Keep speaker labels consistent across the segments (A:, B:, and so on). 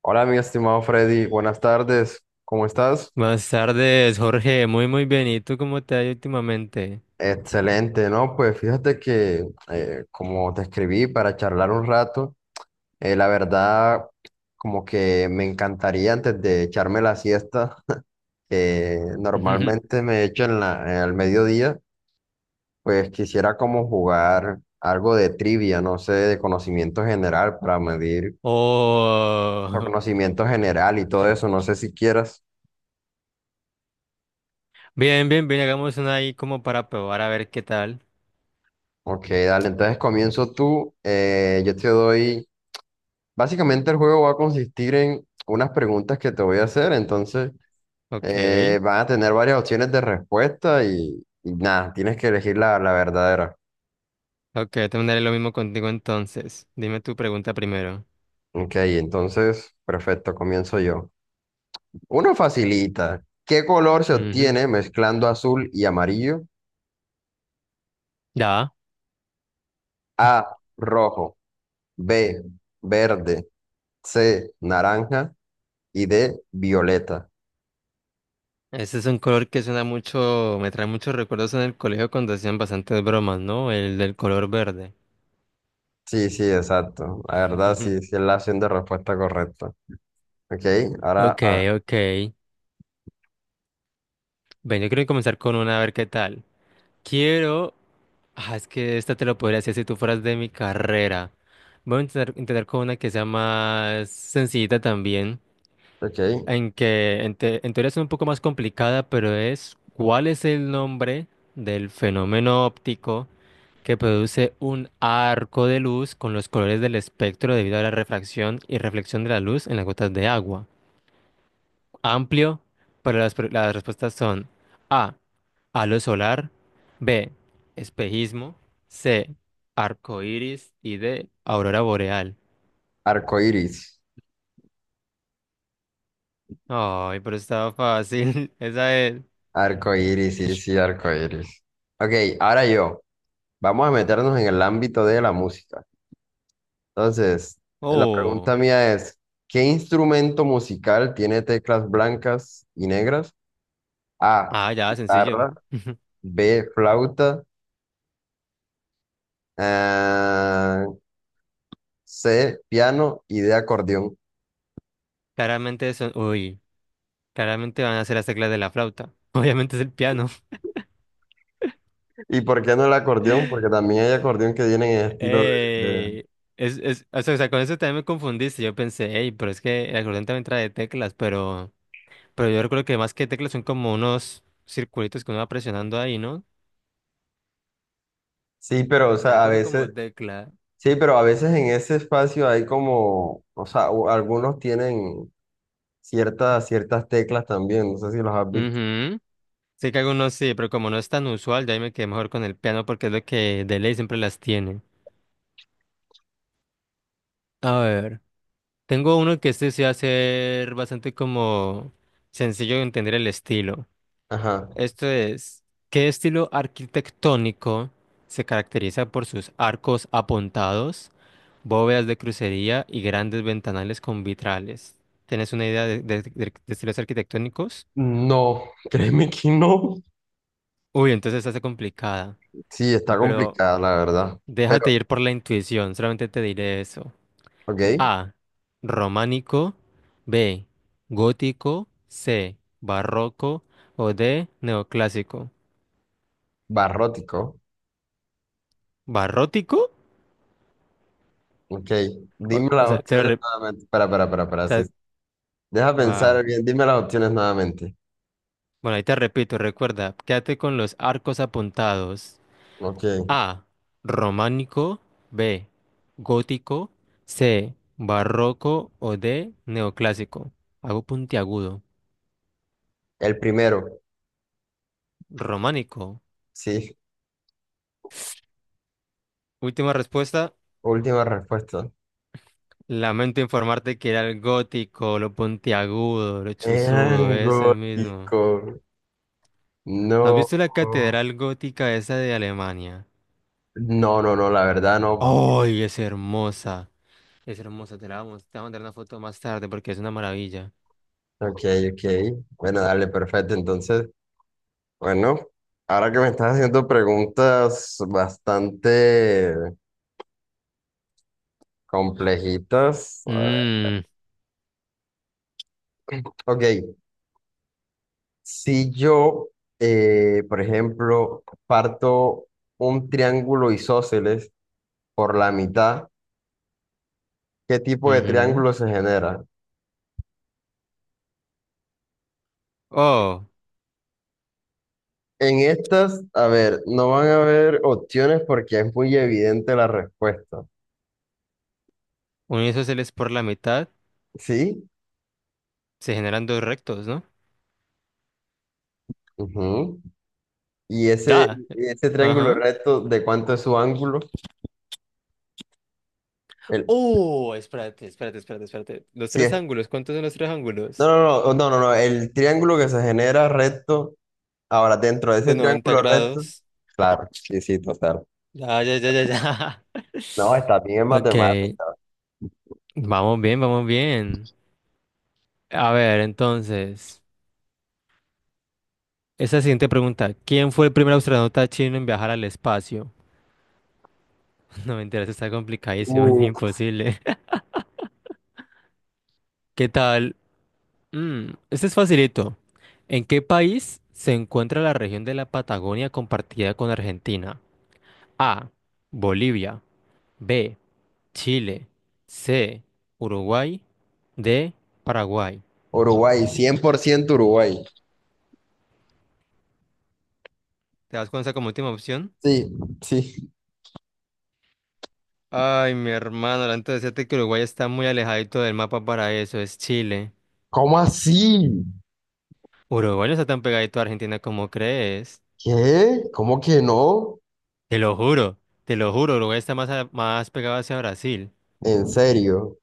A: Hola, mi estimado Freddy, buenas tardes, ¿cómo estás?
B: Buenas tardes, Jorge. Muy bien. ¿Y tú cómo te ha ido últimamente?
A: Excelente, ¿no? Pues fíjate que como te escribí para charlar un rato, la verdad como que me encantaría antes de echarme la siesta, que normalmente me echo en en el mediodía, pues quisiera como jugar algo de trivia, no sé, de conocimiento general para medir por
B: Oh,
A: conocimiento general y todo eso, no sé si quieras.
B: bien. Hagamos una ahí como para probar a ver qué tal.
A: Ok, dale, entonces comienzo tú, yo te doy... Básicamente el juego va a consistir en unas preguntas que te voy a hacer, entonces
B: Ok,
A: van a tener varias opciones de respuesta y nada, tienes que elegir la verdadera.
B: ok. Te mandaré lo mismo contigo entonces. Dime tu pregunta primero.
A: Ok, entonces, perfecto, comienzo yo. Uno facilita. ¿Qué color se
B: Ujú.
A: obtiene mezclando azul y amarillo?
B: Ya.
A: A, rojo, B, verde, C, naranja y D, violeta.
B: Ese es un color que suena mucho, me trae muchos recuerdos en el colegio cuando hacían bastantes bromas, ¿no? El del color verde.
A: Sí, sí, exacto. La verdad, sí, sí es la opción de respuesta correcta. Ok, ahora,
B: Ok,
A: ah,
B: ok. Ven, yo quiero comenzar con una a ver qué tal. Quiero... Ah, es que esta te lo podría hacer si tú fueras de mi carrera. Voy a intentar con una que sea más sencillita también,
A: ok.
B: en que en, te- en teoría es un poco más complicada, pero es ¿cuál es el nombre del fenómeno óptico que produce un arco de luz con los colores del espectro debido a la refracción y reflexión de la luz en las gotas de agua? Amplio, pero las respuestas son A, halo solar, B, espejismo, C, arco iris y D, aurora boreal.
A: Arcoíris,
B: Ay, pero estaba fácil. Esa es.
A: arcoíris, sí, sí, arcoíris. Ok, ahora yo, vamos a meternos en el ámbito de la música. Entonces, la pregunta
B: Oh,
A: mía es, ¿qué instrumento musical tiene teclas blancas y negras? A,
B: ah, ya, sencillo.
A: guitarra, B, flauta, ah, C, piano y D, acordeón.
B: Claramente son. Uy, claramente van a ser las teclas de la flauta. Obviamente es el piano.
A: ¿Y por qué no el acordeón? Porque también hay acordeón que tienen en estilo de-
B: Eh, o sea, con eso también me confundiste. Yo pensé, hey, pero es que el acordeón también trae teclas, pero. Pero yo recuerdo que más que teclas son como unos circulitos que uno va presionando ahí, ¿no?
A: Sí, pero o
B: También
A: sea, a
B: cuenta como
A: veces...
B: tecla.
A: Sí, pero a veces en ese espacio hay como, o sea, o- algunos tienen ciertas teclas también, no sé si los has visto.
B: Ujú. Sé que algunos sí, pero como no es tan usual, ya ahí me quedé mejor con el piano porque es lo que de ley siempre las tiene. A ver. Tengo uno que este sí va a ser bastante como sencillo de entender el estilo.
A: Ajá.
B: Esto es, ¿qué estilo arquitectónico se caracteriza por sus arcos apuntados, bóvedas de crucería y grandes ventanales con vitrales? ¿Tienes una idea de estilos arquitectónicos?
A: No, créeme que no.
B: Uy, entonces esta está complicada,
A: Sí, está
B: pero
A: complicada, la verdad.
B: déjate
A: Pero,
B: ir por la intuición, solamente te diré eso.
A: ok,
B: A, románico, B, gótico, C, barroco o D, neoclásico.
A: barrótico.
B: ¿Barrótico?
A: Ok, dime
B: O
A: las
B: sea, te lo,
A: opciones
B: re- o
A: nuevamente. Espera, espera, espera, espera, sí.
B: sea,
A: Deja
B: Va.
A: pensar bien, dime las opciones nuevamente.
B: Bueno, ahí te repito, recuerda, quédate con los arcos apuntados.
A: Ok,
B: A, románico, B, gótico, C, barroco o D, neoclásico. Hago puntiagudo.
A: el primero,
B: Románico.
A: sí,
B: Última respuesta.
A: última respuesta.
B: Lamento informarte que era el gótico, lo puntiagudo, lo chuzudo,
A: Eran
B: ese mismo.
A: gótico.
B: ¿No has
A: No.
B: visto la catedral gótica esa de Alemania?
A: No, no, no, la verdad no.
B: ¡Ay, es hermosa! Es hermosa, te la vamos, te voy a mandar una foto más tarde porque es una maravilla.
A: Ok, ok. Bueno, dale, perfecto. Entonces, bueno, ahora que me estás haciendo preguntas bastante complejitas. A ver.
B: Mmm,
A: Ok, si yo, por ejemplo, parto un triángulo isósceles por la mitad, ¿qué tipo de
B: ujú.
A: triángulo se genera?
B: Oh,
A: En estas, a ver, no van a haber opciones porque es muy evidente la respuesta.
B: uno de esos por la mitad,
A: ¿Sí?
B: se generan dos rectos, ¿no?
A: Ujú. Y
B: Ya.
A: ese triángulo
B: Ajá.
A: recto, ¿de cuánto es su ángulo? El,
B: Oh, espérate. Los
A: sí,
B: tres
A: es-
B: ángulos, ¿cuántos son los tres
A: no,
B: ángulos?
A: no, no, oh, no, no, no, el triángulo que se genera recto, ahora dentro de ese
B: De 90
A: triángulo recto,
B: grados.
A: claro, sí, sí, total.
B: Ya.
A: No, está bien en
B: Ok,
A: matemáticas.
B: vamos bien. A ver, entonces, esa siguiente pregunta, ¿quién fue el primer astronauta chino en viajar al espacio? No, mentira, eso está complicadísimo, es
A: Uh,
B: imposible. ¿Qué tal? Mm, este es facilito. ¿En qué país se encuentra la región de la Patagonia compartida con Argentina? A. Bolivia. B. Chile. C. Uruguay. D. Paraguay.
A: Uruguay, 100% Uruguay.
B: ¿Te das cuenta como última opción?
A: Sí, sí.
B: Ay, mi hermano, antes de decirte que Uruguay está muy alejadito del mapa para eso, es Chile.
A: ¿Cómo así?
B: Uruguay no está tan pegadito a Argentina como crees.
A: ¿Qué? ¿Cómo que no?
B: Te lo juro, te lo juro, Uruguay está más, más pegado hacia Brasil.
A: ¿En serio?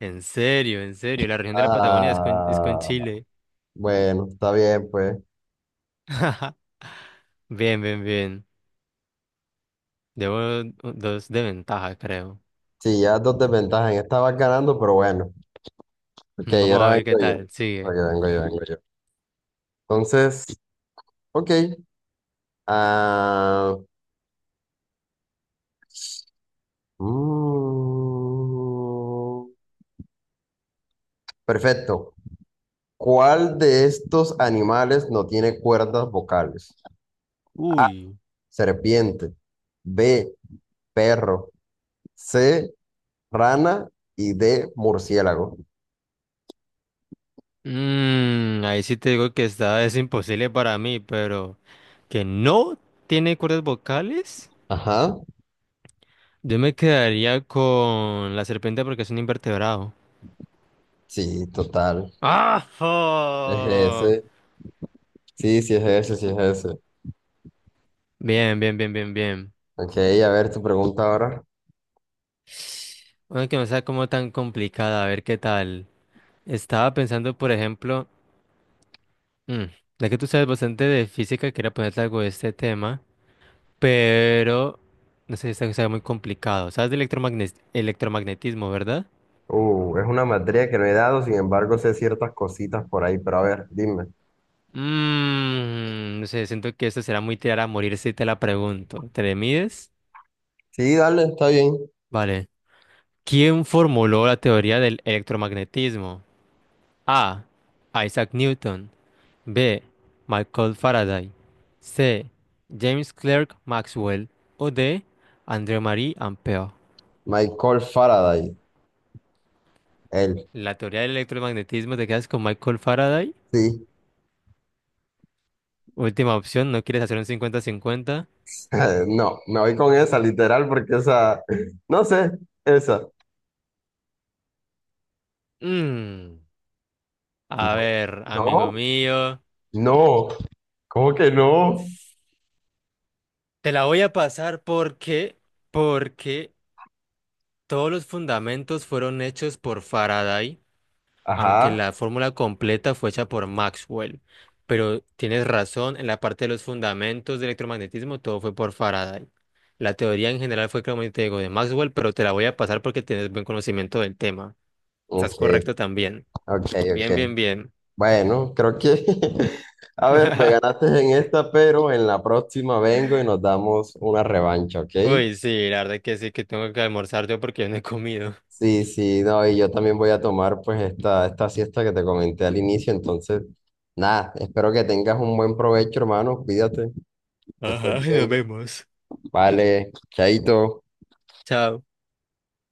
B: En serio, la región de la Patagonia es con
A: Ah,
B: Chile.
A: bueno, está bien, pues.
B: Bien. Debo dos de ventaja, creo.
A: Sí, ya dos desventajas. En esta vas ganando, pero bueno. Ok,
B: Mm, vamos a
A: ahora
B: ver
A: vengo
B: qué
A: yo.
B: tal,
A: Vengo
B: sigue.
A: yo, vengo yo, vengo yo. Entonces, ok. Ah, mm, perfecto. ¿Cuál de estos animales no tiene cuerdas vocales? A,
B: Uy.
A: serpiente. B, perro. C, rana. Y D, murciélago.
B: Mm, ahí sí te digo que está, es imposible para mí, pero que no tiene cuerdas vocales.
A: Ajá.
B: Yo me quedaría con la serpiente porque es un invertebrado.
A: Sí, total.
B: ¡Ah!
A: Es
B: ¡Oh!
A: ese. Sí, sí, es ese, sí, es ese.
B: Bien.
A: Ok, a ver tu pregunta ahora.
B: Bueno, que no sea como tan complicada, a ver qué tal. Estaba pensando, por ejemplo, mm, ya que tú sabes bastante de física, quería ponerte algo de este tema, pero no sé si está muy complicado. ¿Sabes de electromagnetismo, verdad?
A: Es una materia que no he dado, sin embargo sé ciertas cositas por ahí, pero a ver, dime.
B: Mm, no sé, siento que esto será muy tirar a morir si te la pregunto. ¿Te le mides?
A: Sí, dale, está bien.
B: Vale. ¿Quién formuló la teoría del electromagnetismo? A. Isaac Newton. B. Michael Faraday. C. James Clerk Maxwell. O D. André-Marie Ampère.
A: Michael Faraday, él,
B: La teoría del electromagnetismo te quedas con Michael Faraday.
A: sí.
B: Última opción, ¿no quieres hacer un 50-50?
A: No, me voy con esa, literal, porque esa, no sé, esa.
B: Mm, a
A: No,
B: ver,
A: no,
B: amigo mío.
A: no, ¿cómo que no?
B: Te la voy a pasar porque todos los fundamentos fueron hechos por Faraday, aunque
A: Ajá,
B: la fórmula completa fue hecha por Maxwell. Pero tienes razón, en la parte de los fundamentos del electromagnetismo todo fue por Faraday. La teoría en general fue, como te digo, de Maxwell, pero te la voy a pasar porque tienes buen conocimiento del tema. Estás
A: ok,
B: correcto también.
A: ok, ok.
B: Bien.
A: Bueno, creo que, a ver, me ganaste en esta, pero en la próxima vengo y nos damos una revancha, ¿ok?
B: Uy, sí, la verdad que sí, que tengo que almorzar yo porque yo no he comido.
A: Sí, sí, no, y yo también voy a tomar pues esta siesta que te comenté al inicio, entonces, nada, espero que tengas un buen provecho, hermano, cuídate, que estés
B: Ajá, nos
A: bien,
B: vemos.
A: vale, chaito.
B: Chao.